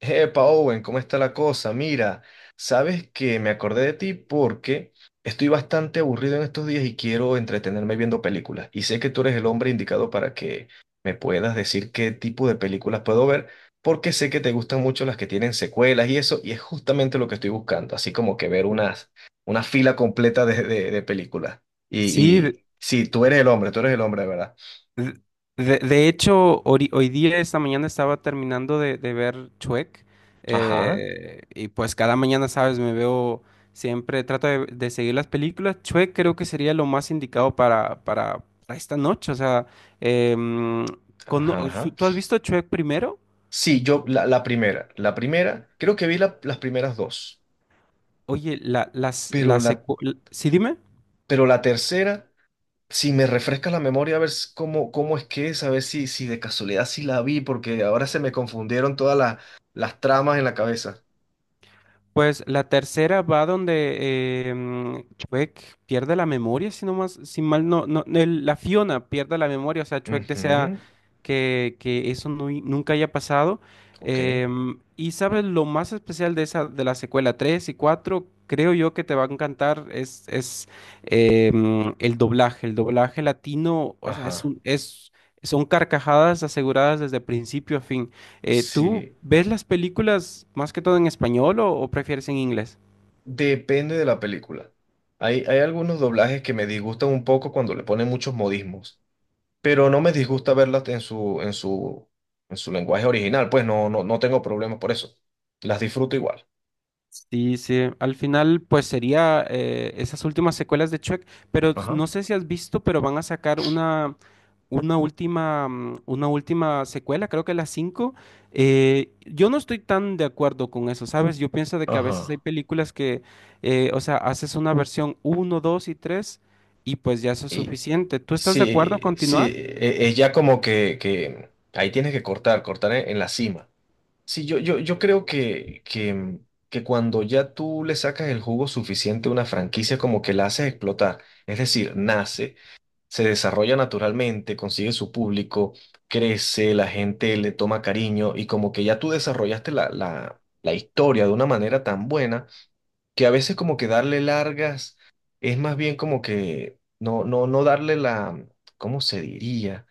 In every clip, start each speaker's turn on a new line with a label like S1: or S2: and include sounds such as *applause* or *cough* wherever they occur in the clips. S1: Epa, Owen, ¿cómo está la cosa? Mira, sabes que me acordé de ti porque estoy bastante aburrido en estos días y quiero entretenerme viendo películas. Y sé que tú eres el hombre indicado para que me puedas decir qué tipo de películas puedo ver, porque sé que te gustan mucho las que tienen secuelas y eso, y es justamente lo que estoy buscando, así como que ver unas, una fila completa de películas. Y,
S2: Sí.
S1: y sí, tú eres el hombre, tú eres el hombre, de ¿verdad?
S2: De, de hecho, hoy, día, esta mañana estaba terminando de ver Chuec,
S1: Ajá,
S2: y pues cada mañana, sabes, me veo siempre, trato de seguir las películas. Chuec creo que sería lo más indicado para esta noche, o sea, em, cono-
S1: ajá,
S2: ¿tú
S1: ajá.
S2: tú has visto Chuec primero?
S1: Sí, yo la primera, la primera, creo que vi las primeras dos,
S2: Oye, la, las, la
S1: pero la,
S2: secu- l- ¿sí, dime?
S1: pero la tercera, si me refresca la memoria a ver cómo, cómo es que es, a ver si, si de casualidad sí la vi, porque ahora se me confundieron todas las tramas en la cabeza.
S2: Pues la tercera va donde Chuck pierde la memoria, si no más, si mal no, no el- la Fiona pierde la memoria, o sea, Chuck desea
S1: Ujú.
S2: que eso nunca haya pasado.
S1: Ok,
S2: Y sabes, lo más especial de esa, de la secuela 3 y 4, creo yo que te va a encantar, es el doblaje. El doblaje latino, o sea,
S1: ajá,
S2: son carcajadas aseguradas desde principio a fin. ¿Tú
S1: sí,
S2: ves las películas más que todo en español o prefieres en inglés?
S1: depende de la película. Hay algunos doblajes que me disgustan un poco cuando le ponen muchos modismos, pero no me disgusta verlas en su lenguaje original, pues no tengo problema por eso. Las disfruto igual.
S2: Sí, sí. Al final, pues sería esas últimas secuelas de Shrek, pero
S1: Ajá,
S2: no sé si has visto, pero van a sacar una última, una última secuela, creo que las 5. Yo no estoy tan de acuerdo con eso, ¿sabes? Yo pienso de que a veces hay
S1: ajá.
S2: películas que, o sea, haces una versión uno, 2 y 3 y pues ya eso es
S1: Y
S2: suficiente. ¿Tú estás de acuerdo a
S1: sí, sí,
S2: continuar?
S1: es como que ahí tienes que cortar, cortar en la cima. Sí, yo creo que cuando ya tú le sacas el jugo suficiente a una franquicia, como que la haces explotar. Es decir, nace, se desarrolla naturalmente, consigue su público, crece, la gente le toma cariño y como que ya tú desarrollaste la historia de una manera tan buena que a veces como que darle largas es más bien como que no darle la, ¿cómo se diría?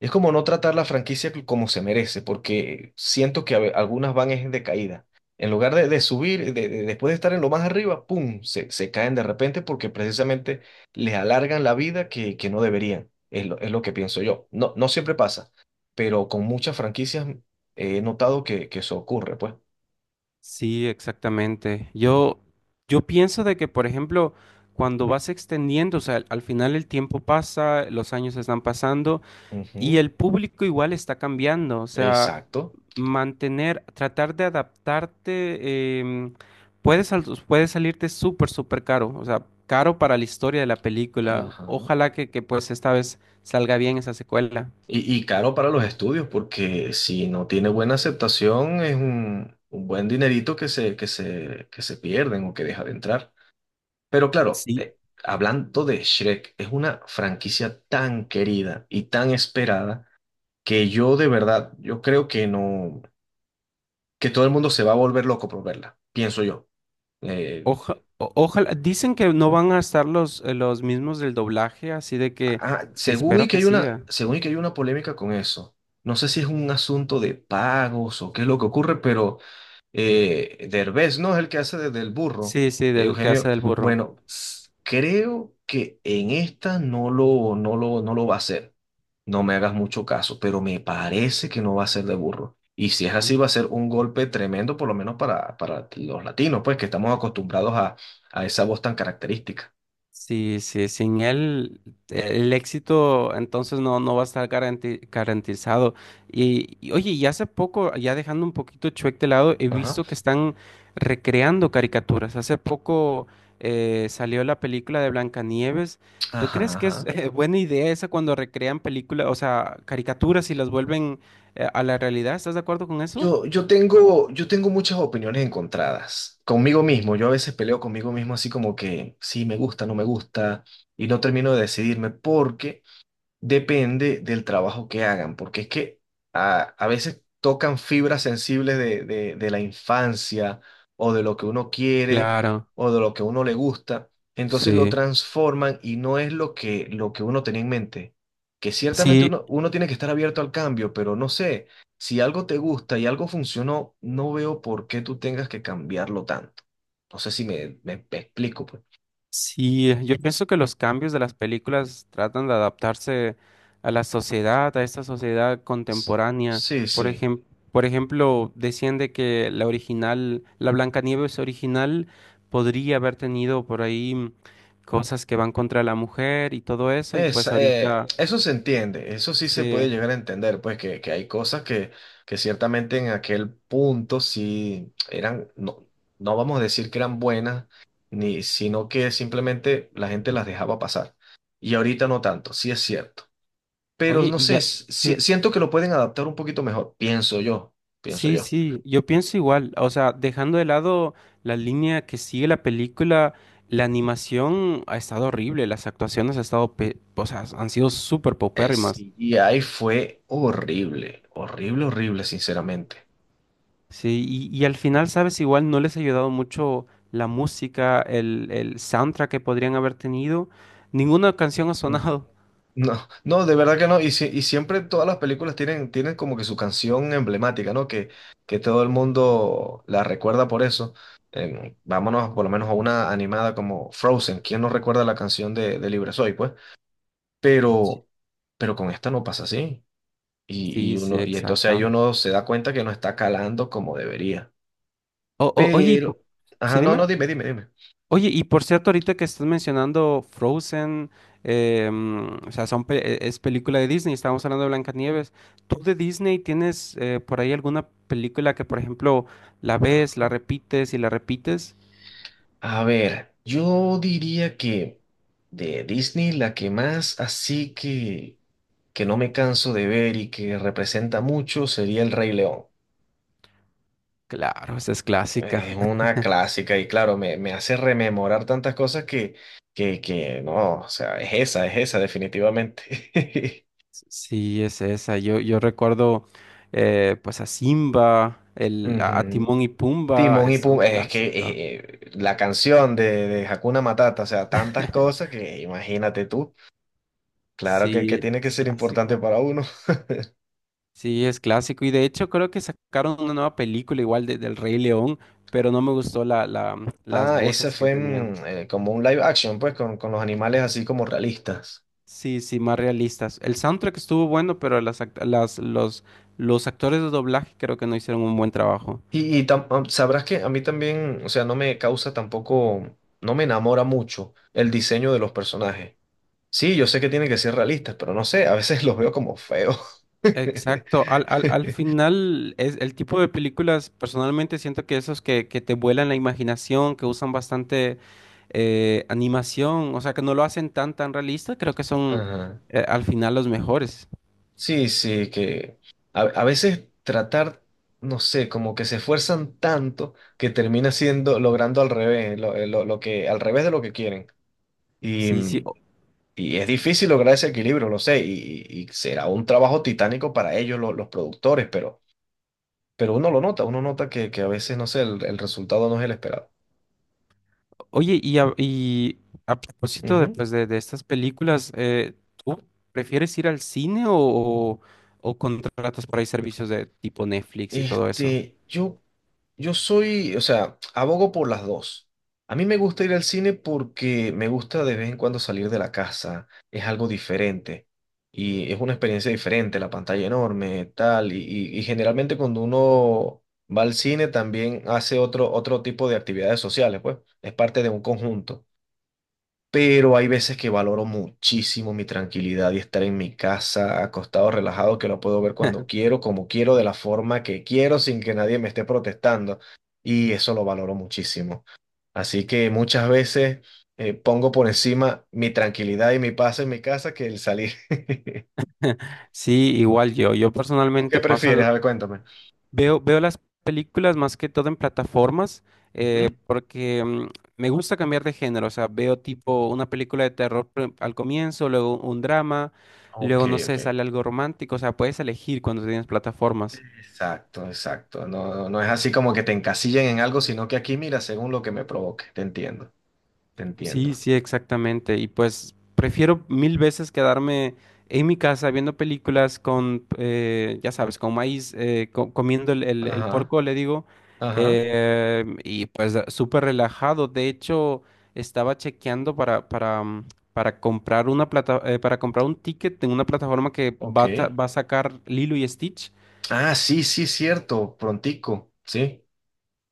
S1: Es como no tratar la franquicia como se merece, porque siento que algunas van es de caída. En lugar de subir, después de estar en lo más arriba, ¡pum! Se caen de repente porque precisamente les alargan la vida que no deberían. Es lo que pienso yo. No, no siempre pasa, pero con muchas franquicias he notado que eso ocurre, pues.
S2: Sí, exactamente. Yo pienso de que, por ejemplo, cuando vas extendiendo, o sea, al final el tiempo pasa, los años están pasando y
S1: Ujú.
S2: el público igual está cambiando. O sea,
S1: Exacto.
S2: mantener, tratar de adaptarte, puede salirte súper, súper caro. O sea, caro para la historia de la película.
S1: Ajá.
S2: Ojalá que pues esta vez salga bien esa secuela.
S1: Y caro para los estudios, porque si no tiene buena aceptación, es un buen dinerito que que se pierden o que deja de entrar. Pero claro,
S2: Sí,
S1: hablando de Shrek, es una franquicia tan querida y tan esperada que yo de verdad, yo creo que no, que todo el mundo se va a volver loco por verla, pienso yo. Eh,
S2: Ojalá, dicen que no van a estar los mismos del doblaje, así de que
S1: ah, según y
S2: espero
S1: que
S2: que
S1: hay una,
S2: siga.
S1: según y que hay una polémica con eso. No sé si es un asunto de pagos o qué es lo que ocurre, pero Derbez, ¿no? Es el que hace del burro,
S2: Sí, sí, del que hace
S1: Eugenio.
S2: del burro.
S1: Bueno, creo que en esta no lo va a hacer. No me hagas mucho caso, pero me parece que no va a ser de burro. Y si es así, va a ser un golpe tremendo, por lo menos para los latinos, pues que estamos acostumbrados a esa voz tan característica.
S2: Sí, sí, sin él el éxito entonces no, no va a estar garantizado. Y, oye, y hace poco, ya dejando un poquito Shrek de lado, he
S1: Ajá.
S2: visto que están recreando caricaturas. Hace poco salió la película de Blancanieves. ¿Tú
S1: Ajá,
S2: crees que es
S1: ajá.
S2: buena idea esa cuando recrean películas, o sea, caricaturas y las vuelven a la realidad? ¿Estás de acuerdo con eso?
S1: Yo tengo muchas opiniones encontradas conmigo mismo. Yo a veces peleo conmigo mismo así como que sí, me gusta, no me gusta, y no termino de decidirme porque depende del trabajo que hagan, porque es que a veces tocan fibras sensibles de la infancia o de lo que uno quiere
S2: Claro,
S1: o de lo que a uno le gusta, entonces lo
S2: sí.
S1: transforman y no es lo lo que uno tenía en mente. Que ciertamente
S2: Sí,
S1: uno tiene que estar abierto al cambio, pero no sé, si algo te gusta y algo funcionó, no veo por qué tú tengas que cambiarlo tanto. No sé si me explico, pues.
S2: sí, yo pienso que los cambios de las películas tratan de adaptarse a la sociedad, a esta sociedad
S1: S-
S2: contemporánea.
S1: Sí,
S2: Por
S1: sí.
S2: ejem- por ejemplo, decían de que la original, la Blancanieves original podría haber tenido por ahí cosas que van contra la mujer y todo eso, y
S1: Es,
S2: pues ahorita
S1: eso se entiende, eso sí se puede
S2: se...
S1: llegar a entender, pues que hay cosas que ciertamente en aquel punto sí eran, no, no vamos a decir que eran buenas, ni, sino que simplemente la gente las dejaba pasar. Y ahorita no tanto, sí es cierto. Pero
S2: Oye,
S1: no
S2: y
S1: sé,
S2: ya...
S1: si-
S2: sí.
S1: si, siento que lo pueden adaptar un poquito mejor, pienso
S2: Sí,
S1: yo.
S2: sí, yo pienso igual, o sea, dejando de lado la línea que sigue la película, la animación ha estado horrible, las actuaciones ha estado pe- o sea, han sido súper
S1: El
S2: paupérrimas.
S1: CGI fue horrible, horrible, horrible, sinceramente.
S2: Sí, y al final, sabes, igual no les ha ayudado mucho la música, el soundtrack que podrían haber tenido, ninguna canción ha sonado. *laughs*
S1: No, no, de verdad que no. Y, y siempre todas las películas tienen, tienen como que su canción emblemática, ¿no? Que todo el mundo la recuerda por eso. Em, vámonos por lo menos a una animada como Frozen. ¿Quién no recuerda la canción de Libre Soy, pues? Pero, pero con esta no pasa así.
S2: Sí, sí,
S1: Y entonces ahí
S2: exacto.
S1: uno se da cuenta que no está calando como debería.
S2: Oye,
S1: Pero,
S2: sí,
S1: ajá, no,
S2: dime.
S1: no, dime, dime, dime.
S2: Oye, y por cierto, ahorita que estás mencionando Frozen, o sea, es película de Disney, estábamos hablando de Blancanieves. ¿Tú de Disney tienes por ahí alguna película que, por ejemplo, la ves, la
S1: Ajá.
S2: repites y la repites?
S1: A ver, yo diría que de Disney la que más así que no me canso de ver y que representa mucho sería El Rey León.
S2: Claro, esa es clásica.
S1: Es
S2: *laughs*
S1: una clásica y claro, me hace rememorar tantas cosas que, que no, o sea, es esa definitivamente.
S2: Sí, es esa. Yo recuerdo pues a Simba,
S1: *laughs*
S2: a
S1: Ujú.
S2: Timón y Pumba,
S1: Timón y
S2: es un
S1: Pumba, es que
S2: clásico.
S1: la canción de Hakuna Matata, o sea, tantas cosas
S2: *laughs*
S1: que imagínate tú, claro que
S2: Sí,
S1: tiene que
S2: es
S1: ser importante
S2: clásico.
S1: para uno.
S2: Sí, es clásico. Y de hecho creo que sacaron una nueva película igual de, del Rey León, pero no me gustó las
S1: Ah, ese
S2: voces que
S1: fue mm,
S2: tenían.
S1: como un live action, pues, con los animales así como realistas.
S2: Sí, sí, más realistas. El soundtrack estuvo bueno, pero las, act- las, los actores de doblaje creo que no hicieron un buen trabajo.
S1: Y, sabrás que a mí también, o sea, no me causa tampoco, no me enamora mucho el diseño de los personajes. Sí, yo sé que tienen que ser realistas, pero no sé, a veces *laughs* los veo como feos. *laughs*
S2: Exacto, al final es el tipo de películas, personalmente siento que esos que te vuelan la imaginación, que usan bastante animación, o sea, que no lo hacen tan tan realista, creo que son
S1: Ajá.
S2: al final los mejores.
S1: Sí, sí, que a veces tratar, no sé, como que se esfuerzan tanto que termina siendo, logrando al revés, lo, lo que, al revés de lo que quieren. Y,
S2: Sí, sí.
S1: mm, y es difícil lograr ese equilibrio, lo sé, y será un trabajo titánico para ellos, los productores, pero uno lo nota, uno nota que a veces, no sé, el resultado no es el esperado.
S2: Oye, y a propósito de,
S1: Ujú.
S2: pues, de estas películas, ¿tú prefieres ir al cine o contratas por ahí servicios de tipo Netflix y todo eso?
S1: Este, yo soy, o sea, abogo por las dos. A mí me gusta ir al cine porque me gusta de vez en cuando salir de la casa, es algo diferente y es una experiencia diferente, la pantalla enorme, tal, y generalmente cuando uno va al cine también hace otro, otro tipo de actividades sociales, pues, es parte de un conjunto, pero hay veces que valoro muchísimo mi tranquilidad y estar en mi casa, acostado, relajado, que lo puedo ver cuando
S2: *laughs*
S1: quiero, como quiero, de la forma que quiero, sin que nadie me esté protestando. Y eso lo valoro muchísimo. Así que muchas veces pongo por encima mi tranquilidad y mi paz en mi casa que el salir. *laughs*
S2: Sí, igual yo. Yo
S1: ¿Tú qué
S2: personalmente
S1: prefieres? A ver, cuéntame.
S2: veo, veo las películas más que todo en plataformas, eh,
S1: Ujú.
S2: porque mm, me gusta cambiar de género. O sea, veo tipo una película de terror al comienzo, luego un drama,
S1: Ok,
S2: luego no
S1: ok.
S2: sé, sale algo romántico. O sea, puedes elegir cuando tienes plataformas.
S1: Exacto, exacto. No, no no es así como que te encasillen en algo, sino que aquí mira según lo que me provoque. Te entiendo, te
S2: Sí,
S1: entiendo.
S2: sí, exactamente. Y pues prefiero mil veces quedarme en mi casa viendo películas con, ya sabes, con maíz, comiendo el
S1: Ajá.
S2: porco, le digo,
S1: Ajá,
S2: súper relajado. De hecho, estaba chequeando para comprar para comprar un ticket en una plataforma que
S1: ok.
S2: va va a sacar Lilo y Stitch.
S1: Ah, sí, sí, cierto, prontico, sí.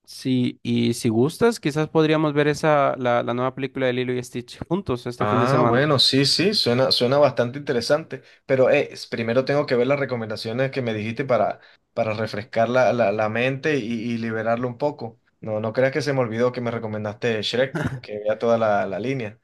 S2: Sí, y si gustas, quizás podríamos ver esa, la nueva película de Lilo y Stitch juntos este fin de
S1: Ah,
S2: semana.
S1: bueno, sí, sí, suena, suena bastante interesante, pero primero tengo que ver las recomendaciones que me dijiste para refrescar la mente y liberarlo un poco. No, no creas que se me olvidó que me recomendaste Shrek, que vea toda la línea.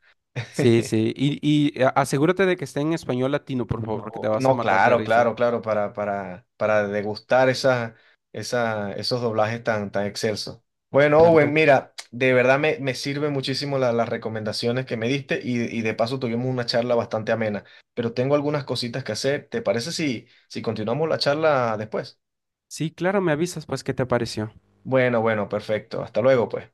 S2: Sí,
S1: *laughs*
S2: sí. Asegúrate de que esté en español latino, por favor, que te vas a
S1: No,
S2: matar de
S1: claro,
S2: risa.
S1: claro, claro, para degustar esas, esos doblajes tan, tan excelsos. Bueno, Owen,
S2: Perfecto.
S1: mira, de verdad me sirven muchísimo las recomendaciones que me diste y de paso tuvimos una charla bastante amena, pero tengo algunas cositas que hacer. ¿Te parece si, si continuamos la charla después?
S2: Sí, claro, me avisas, pues, ¿qué te pareció?
S1: Bueno, bueno, perfecto. Hasta luego, pues.